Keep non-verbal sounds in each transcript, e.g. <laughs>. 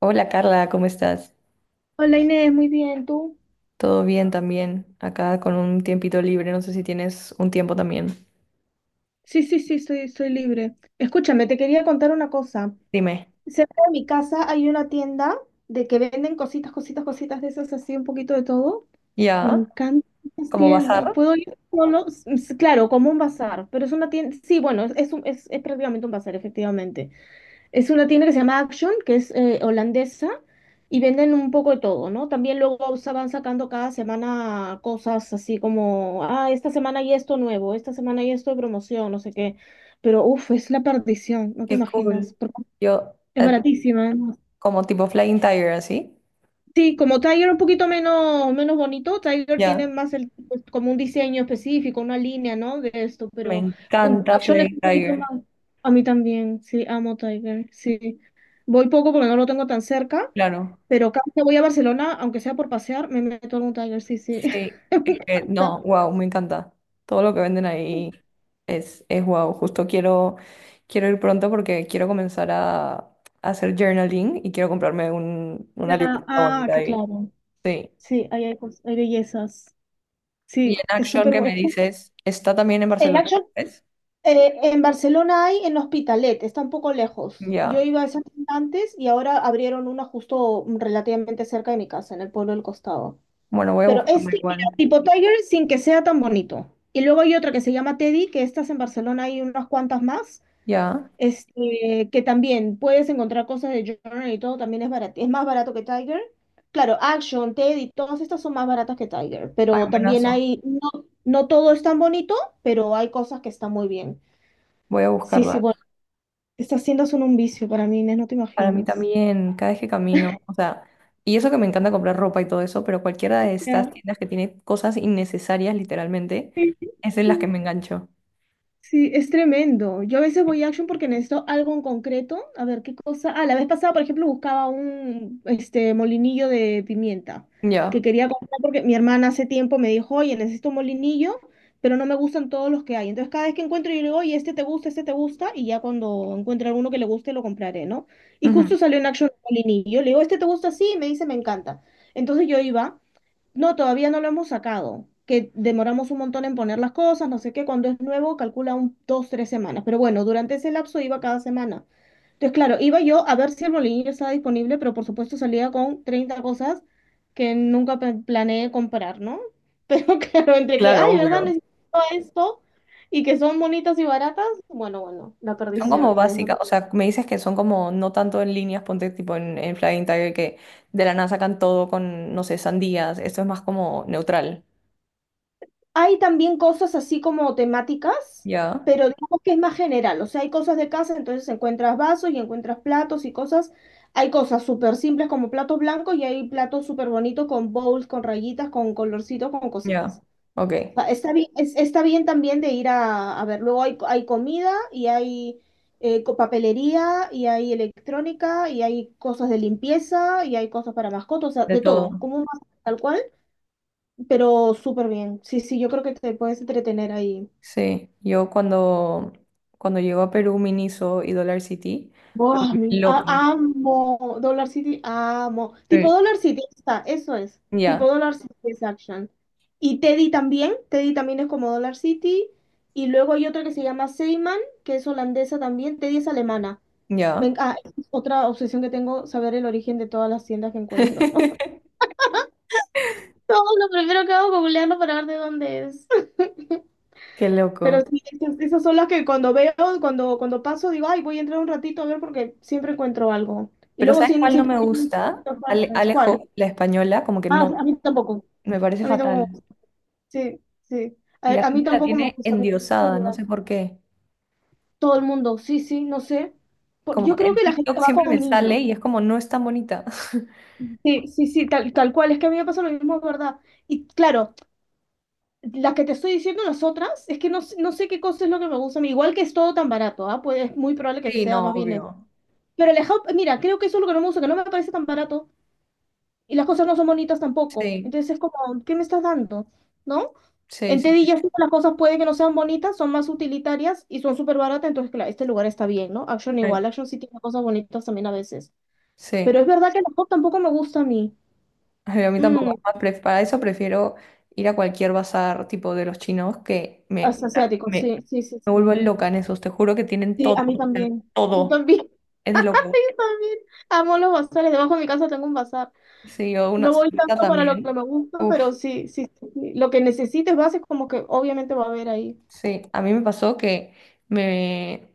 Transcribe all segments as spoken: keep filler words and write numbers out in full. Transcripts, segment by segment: Hola Carla, ¿cómo estás? Hola Inés, muy bien, ¿tú? ¿Todo bien también? Acá con un tiempito libre, no sé si tienes un tiempo también. Sí, sí, sí, estoy, estoy libre. Escúchame, te quería contar una cosa. Dime. Cerca de mi casa hay una tienda de que venden cositas, cositas, cositas de esas, así un poquito de todo. Me ¿Ya? encantan esas ¿Como tiendas. bazar? ¿Puedo ir solo? S- s- Claro, como un bazar, pero es una tienda, sí, bueno, es, es, un- es, es prácticamente un bazar, efectivamente. Es una tienda que se llama Action, que es eh, holandesa, y venden un poco de todo, ¿no? También luego sa- van sacando cada semana cosas así como, ah, esta semana hay esto nuevo, esta semana hay esto de promoción, no sé qué. Pero, uff, es la perdición, no te Qué imaginas, cool. porque Yo, es eh, baratísima. ¿No? como tipo Flying Tiger, así. Sí, como Tiger un poquito menos, menos bonito, Tiger tiene Ya. más el, pues, como un diseño específico, una línea, ¿no? De esto, Me pero um, encanta Action es Flying un poquito Tiger. más. A mí también, sí, amo Tiger, sí. Voy poco porque no lo tengo tan cerca, Claro. pero cada vez que voy a Barcelona, aunque sea por pasear, me meto en un Tiger, sí, sí. Sí. <laughs> Me Es que, encanta. no, wow, me encanta. Todo lo que venden ahí es, es wow. Justo quiero, quiero ir pronto porque quiero comenzar a, a hacer journaling y quiero comprarme un, una Ya, libreta ah, bonita que ahí. claro. Sí. Sí, ahí hay, cos- hay bellezas. Y Sí, en es Action súper que bueno. me dices, está también en En Barcelona, Action ¿ves? Eh, en Barcelona hay en Hospitalet, está un poco lejos. Yo Ya. iba a esa tienda antes y ahora abrieron una justo mm, relativamente cerca de mi casa, en el pueblo del costado. Bueno, voy a Pero es buscarla ti- mira, igual. tipo Tiger sin que sea tan bonito. Y luego hay otra que se llama Teddy, que estas en Barcelona hay unas cuantas más, Ya. este, que también puedes encontrar cosas de Journal y todo, también es barato, es más barato que Tiger. Claro, Action, Teddy, todas estas son más baratas que Tiger, Ay, pero también buenazo. hay, no, no todo es tan bonito, pero hay cosas que están muy bien. Voy a Sí, sí, buscarla. bueno. Estas tiendas son un vicio para mí, Inés, no te Para mí imaginas. también, cada vez que camino, o sea, y eso que me encanta comprar ropa y todo eso, pero cualquiera de estas Ya. tiendas que tiene cosas innecesarias, literalmente, Sí, sí, es en las que me engancho. sí, es tremendo. Yo a veces voy a Action porque necesito algo en concreto. A ver qué cosa. Ah, la vez pasada, por ejemplo, buscaba un este molinillo de pimienta que Ya. quería comprar porque mi hermana hace tiempo me dijo, oye, necesito un molinillo, pero no me gustan todos los que hay. Entonces, cada vez que encuentro, yo le digo, oye, este te gusta, este te gusta, y ya cuando encuentre alguno que le guste, lo compraré, ¿no? Y Ujú. justo salió en Action un molinillo. Le digo, este te gusta, sí, y me dice, me encanta. Entonces yo iba. No, todavía no lo hemos sacado, que demoramos un montón en poner las cosas, no sé qué, cuando es nuevo calcula un, dos, tres semanas, pero bueno, durante ese lapso iba cada semana. Entonces, claro, iba yo a ver si el bolillo estaba disponible, pero por supuesto salía con treinta cosas que nunca pe- planeé comprar, ¿no? Pero <laughs> claro, entre que, Claro, ay, ¿verdad? obvio. Necesito esto y que son bonitas y baratas, bueno, bueno, la Son como perdición, Inés, no. básicas, o sea, me dices que son como no tanto en líneas, ponte tipo en, en Flying Tiger que de la nada sacan todo con, no sé, sandías, esto es más como neutral. Hay también cosas así como temáticas, Ya, pero digamos que es más general. O sea, hay cosas de casa, entonces encuentras vasos y encuentras platos y cosas. Hay cosas súper simples como platos blancos y hay platos súper bonitos con bowls, con rayitas, con colorcitos, con ya, cositas. ok, O sea, está bien, es- está bien también de ir a, a ver. Luego hay, hay comida y hay eh, co- papelería y hay electrónica y hay cosas de limpieza y hay cosas para mascotas, o sea, de de todo. todo, como un bazar, tal cual, pero súper bien. Sí, sí, yo creo que te puedes entretener ahí. Sí, yo cuando, cuando llego a Perú, Miniso y Dollar City, me Buah, volví me- a- loca. amo Dollar City, amo. Tipo Sí. Dollar City, ahí está, eso es. Ya, Tipo Dollar City es Action. Y Teddy también, Teddy también es como Dollar City. Y luego hay otra que se llama Seiman, que es holandesa también. Teddy es alemana. Me ya. Enc- ah, es otra obsesión que tengo, saber el origen de todas las tiendas que encuentro. <laughs> <laughs> Todo lo primero que hago es googlearlo para ver de dónde es. Qué Pero loco. sí, esas, esas son las que cuando veo, cuando, cuando paso, digo, ay, voy a entrar un ratito a ver porque siempre encuentro algo. Y Pero luego ¿sabes siem- cuál no siempre, me tienen gusta? distintas Ale- marcas. ¿Cuál? Alejo, la española, como que Ah, no, a mí tampoco. me parece A mí fatal. tampoco. Sí, sí. Y la A, a mí gente la tampoco me tiene gusta. Me gusta el. endiosada, no sé por qué. Todo el mundo, sí, sí, no sé. Por- Como Yo creo en que la gente TikTok va siempre con me niños. sale y es como no es tan bonita. <laughs> Sí, sí, sí, tal, tal cual. Es que a mí me pasa lo mismo, es verdad. Y claro, las que te estoy diciendo, las otras, es que no, s- no sé qué cosa es lo que me gusta a mí. Igual que es todo tan barato, ¿ah? Pues es muy probable que Sí, sea no, más bien. obvio. Pero el Hub, mira, creo que eso es lo que no me gusta, que no me parece tan barato y las cosas no son bonitas tampoco. Sí, Entonces es como, ¿qué me estás dando? ¿No? sí, En sí, Teddy sí. ya sí las cosas puede que no sean bonitas, son más utilitarias y son súper baratas, entonces claro, este lugar está bien, ¿no? Action Sí. igual, Action sí tiene cosas bonitas también a veces. Sí. Pero es verdad que el Hub tampoco me gusta a mí. Ay, a mí tampoco. Mm, Es más, para eso prefiero ir a cualquier bazar tipo de los chinos que me, as- Asiático, me, sí, sí, sí, me vuelvo sí. loca en esos. Te juro que tienen Sí, todo, a mí o sea, también. Yo todo. también. Es de <laughs> loco. Yo también. Amo los bazares. Debajo de mi casa tengo un bazar. Sí, yo una No voy cerveza tanto para lo que también. me gusta, Uf, pero sí, sí, sí, sí. Lo que necesites base como que obviamente va a haber ahí. sí. A mí me pasó que me,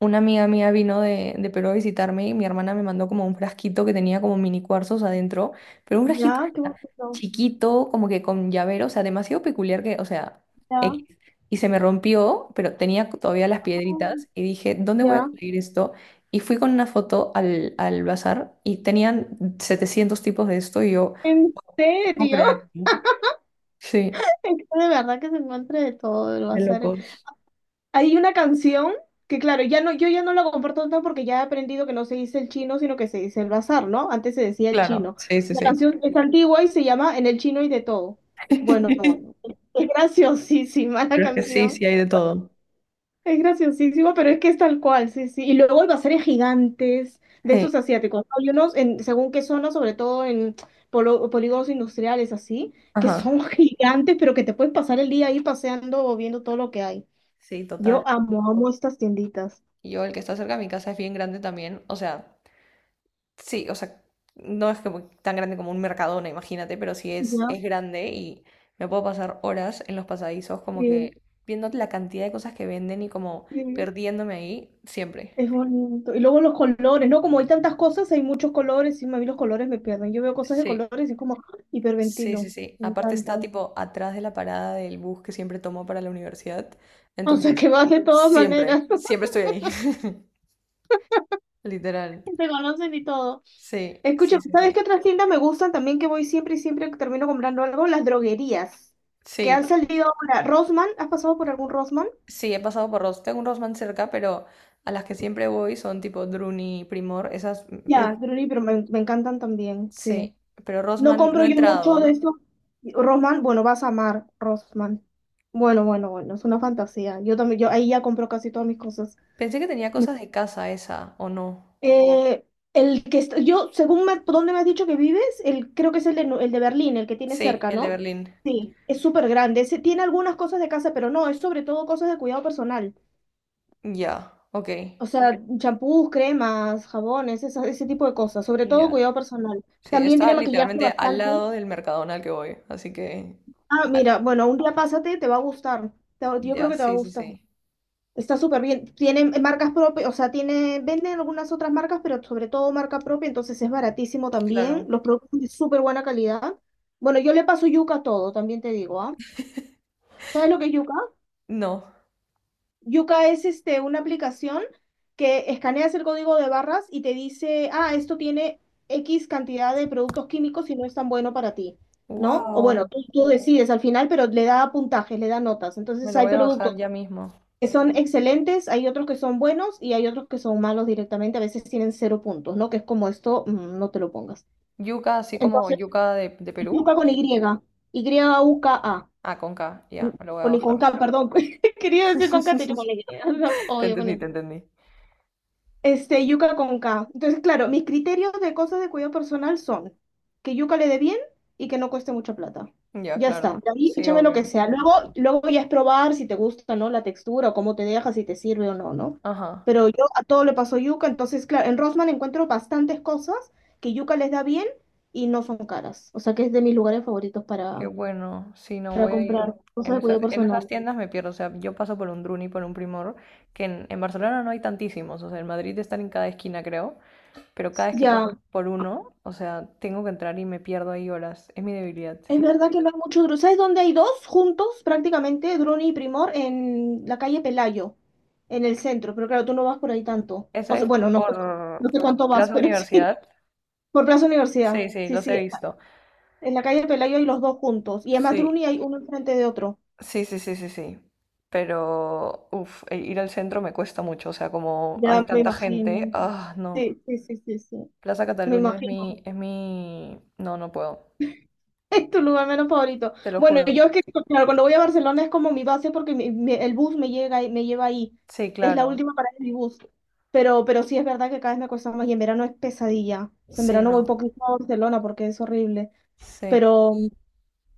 Una amiga mía vino de, de Perú a visitarme y mi hermana me mandó como un frasquito que tenía como mini cuarzos adentro, pero un frasquito Ya, qué bonito. chiquito, como que con llavero, o sea, demasiado peculiar que, o sea, Ya, X. Y se me rompió, pero tenía todavía las ay, piedritas y dije, ¿dónde voy a ya. conseguir esto? Y fui con una foto al, al bazar y tenían setecientos tipos de esto y yo, ¿En no puedo serio? <laughs> creerlo. Sí, Es que de verdad que se encuentra de todo, lo va a de hacer. locos. Hay una canción que, claro, ya no, yo ya no la comparto tanto porque ya he aprendido que no se dice el chino, sino que se dice el bazar, ¿no? Antes se decía el Claro, chino. sí, sí, La sí. canción es antigua y se llama En el chino y de todo. Bueno, <laughs> bueno. Es <laughs> graciosísima la Pero es que sí, canción. sí hay de todo. Es graciosísimo, pero es que es tal cual, sí, sí. Y luego hay baseres gigantes de Sí, estos asiáticos. ¿No? Hay unos, en, según qué zona, sobre todo en polo- polígonos industriales, así, que ajá. son <laughs> gigantes, pero que te puedes pasar el día ahí paseando o viendo todo lo que hay. Sí, total. Yo amo, amo estas tienditas. Y yo, el que está cerca de mi casa es bien grande también. O sea, sí, o sea, no es como tan grande como un Mercadona, imagínate, pero sí es, Ya. es grande y me puedo pasar horas en los pasadizos como Sí, que viendo la cantidad de cosas que venden y como sí, perdiéndome ahí siempre. es bonito. Y luego los colores, ¿no? Como hay tantas cosas, hay muchos colores, y a mí los colores me pierden. Yo veo cosas de Sí, colores y es como sí, sí, hiperventilo. sí. Me Aparte está encanta. tipo atrás de la parada del bus que siempre tomo para la universidad. O sea Entonces, que vas de todas siempre, maneras, <laughs> siempre estoy ahí. <laughs> Literal. te conocen y todo. Sí, Escucha, sí, sí, ¿sabes sí. qué otras tiendas me gustan también que voy siempre y siempre que termino comprando algo? Las droguerías, que han Sí, salido ahora. Rosman, ¿has pasado por algún Rosman? sí, he pasado por Ross. Tengo un Rossmann cerca, pero a las que siempre voy son tipo Druni, Primor, esas, mm, uf, Ya, Druli, pero me, me encantan también, sí. sí. Pero No Rossmann no compro he yo mucho entrado. de esto. Rosman, bueno, vas a amar Rosman. Bueno, bueno, bueno, es una fantasía. Yo también, yo ahí ya compro casi todas mis cosas. Pensé que tenía cosas de casa esa, ¿o no? Eh, el que está, yo, según me- por dónde me has dicho que vives, el, creo que es el de, Nu- el de Berlín, el que tiene Sí, cerca, el de ¿no? Berlín. Sí, es súper grande. Ese tiene algunas cosas de casa, pero no, es sobre todo cosas de cuidado personal. Ya, ok. O sea, champús, cremas, jabones, esa- ese tipo de cosas. Sobre todo Ya. cuidado personal. Sí, También está tiene maquillaje literalmente al bastante. lado del Mercadona al que voy, así que... Ah, al- mira, bueno, un día pásate, te va a gustar. Te va- yo creo Ya, que te va a sí, sí, gustar. sí. Está súper bien. Tienen marcas propias, o sea, tiene, venden algunas otras marcas, pero sobre todo marca propia, entonces es baratísimo también. Claro. Los productos son de súper buena calidad. Bueno, yo le paso yuca a todo, también te digo, ¿ah? ¿Sabes lo que es yuca? No. Yuca es este, una aplicación que escaneas el código de barras y te dice, ah, esto tiene X cantidad de productos químicos y no es tan bueno para ti, ¿no? O bueno, Wow. tú, tú decides al final, pero le da puntajes, le da notas. Me Entonces lo hay voy a productos bajar ya mismo. que son excelentes, hay otros que son buenos y hay otros que son malos directamente, a veces tienen cero puntos, ¿no? Que es como esto, mm, no te lo pongas. Yuca, así como Entonces, yuca de, de Perú. yuca con Y, Y-U-K-A, Ah, con K, ya, me lo voy a con, y con bajar. K, perdón, <laughs> quería decir con K, te he dicho con Y, <laughs> no, <laughs> Te obvio con entendí, te Y. entendí. Este, yuca con K. Entonces, claro, mis criterios de cosas de cuidado personal son que yuca le dé bien y que no cueste mucha plata. Ya, Ya está. claro. De ahí Sí, échame lo que obvio. sea. Luego, luego ya es probar si te gusta, ¿no? La textura, o cómo te deja, si te sirve o no, ¿no? Ajá. Pero yo a todo le paso yuca, entonces, claro, en Rosman encuentro bastantes cosas que yuca les da bien y no son caras. O sea que es de mis lugares favoritos Qué para, bueno. Sí, no para voy a ir. comprar cosas En de esas, cuidado en esas personal. tiendas me pierdo. O sea, yo paso por un Druni, por un Primor, que en, en Barcelona no hay tantísimos. O sea, en Madrid están en cada esquina, creo. Pero cada vez que Ya, paso por uno, o sea, tengo que entrar y me pierdo ahí horas. Es mi debilidad. es verdad que no hay mucho Dru. ¿Sabes dónde hay dos juntos prácticamente, Druni y Primor, en la calle Pelayo, en el centro? Pero claro, tú no vas por ahí tanto. Esa O sea, es bueno, no sé, por no sé cuánto vas, Plaza pero sí. <laughs> Universidad. Por Plaza Universidad. Sí, sí, Sí, los he sí. visto. En la calle Pelayo hay los dos juntos. Y además Sí, Druni hay uno enfrente de otro. sí, sí, sí, sí, sí. Pero, uff, ir al centro me cuesta mucho. O sea, como hay Ya me tanta gente, imagino. ah, no. Sí, sí, sí, sí, sí. Plaza Me Cataluña es imagino. mi, es mi... No, no puedo. <laughs> Es tu lugar menos favorito. Te lo Bueno, juro. yo es que, claro, cuando voy a Barcelona es como mi base porque mi- mi- el bus me llega, y me lleva ahí. Sí, Es la claro. última parada de mi bus. Pero, pero sí es verdad que cada vez me cuesta más y en verano es pesadilla. O sea, en Sí, verano no. voy poquito a Barcelona porque es horrible. Sí. Pero,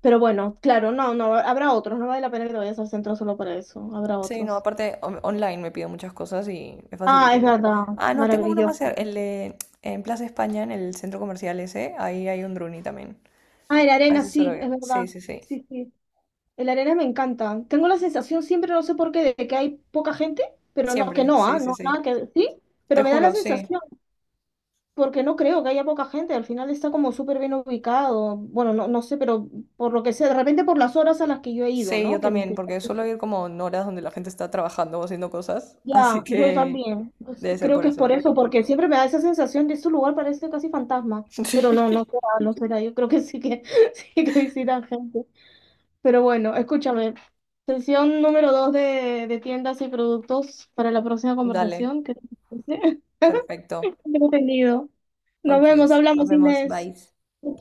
pero bueno, claro, no, no, habrá otros. No vale la pena que te vayas al centro solo para eso. Habrá Sí, no. otros. Aparte, on- online me pido muchas cosas y es Ah, es facilísimo. verdad. Ah, no, tengo uno más, cer- Maravilloso. el de, en Plaza España, en el centro comercial ese, ahí hay un Druni también. Ah, en la A arena, ese suelo sí, ir. es verdad. Sí, sí, sí. Sí, sí. El Arenas me encanta. Tengo la sensación siempre, no sé por qué, de que hay poca gente, pero no, que Siempre. no, Sí, ¿ah? sí, No, nada sí. que sí, Te pero me da la juro, sí. sensación, porque no creo que haya poca gente. Al final está como súper bien ubicado. Bueno, no, no sé, pero por lo que sé, de repente por las horas a las que yo he ido, Sí, yo ¿no? Que, también, que- porque suelo ir como en horas donde la gente está trabajando o haciendo cosas, así Ya, yo que también. Pues, debe ser creo por que es eso. por eso, porque siempre me da esa sensación de este lugar parece casi fantasma. Pero no, no <laughs> Sí. será, no será. Yo creo que sí que <laughs> sí que visitan gente. Pero bueno, escúchame. Sesión número dos de, de tiendas y productos para la próxima Dale, conversación. ¿Qué te parece? <laughs> perfecto. Entretenido. Nos vemos, Okis, nos hablamos, vemos, Inés. bye.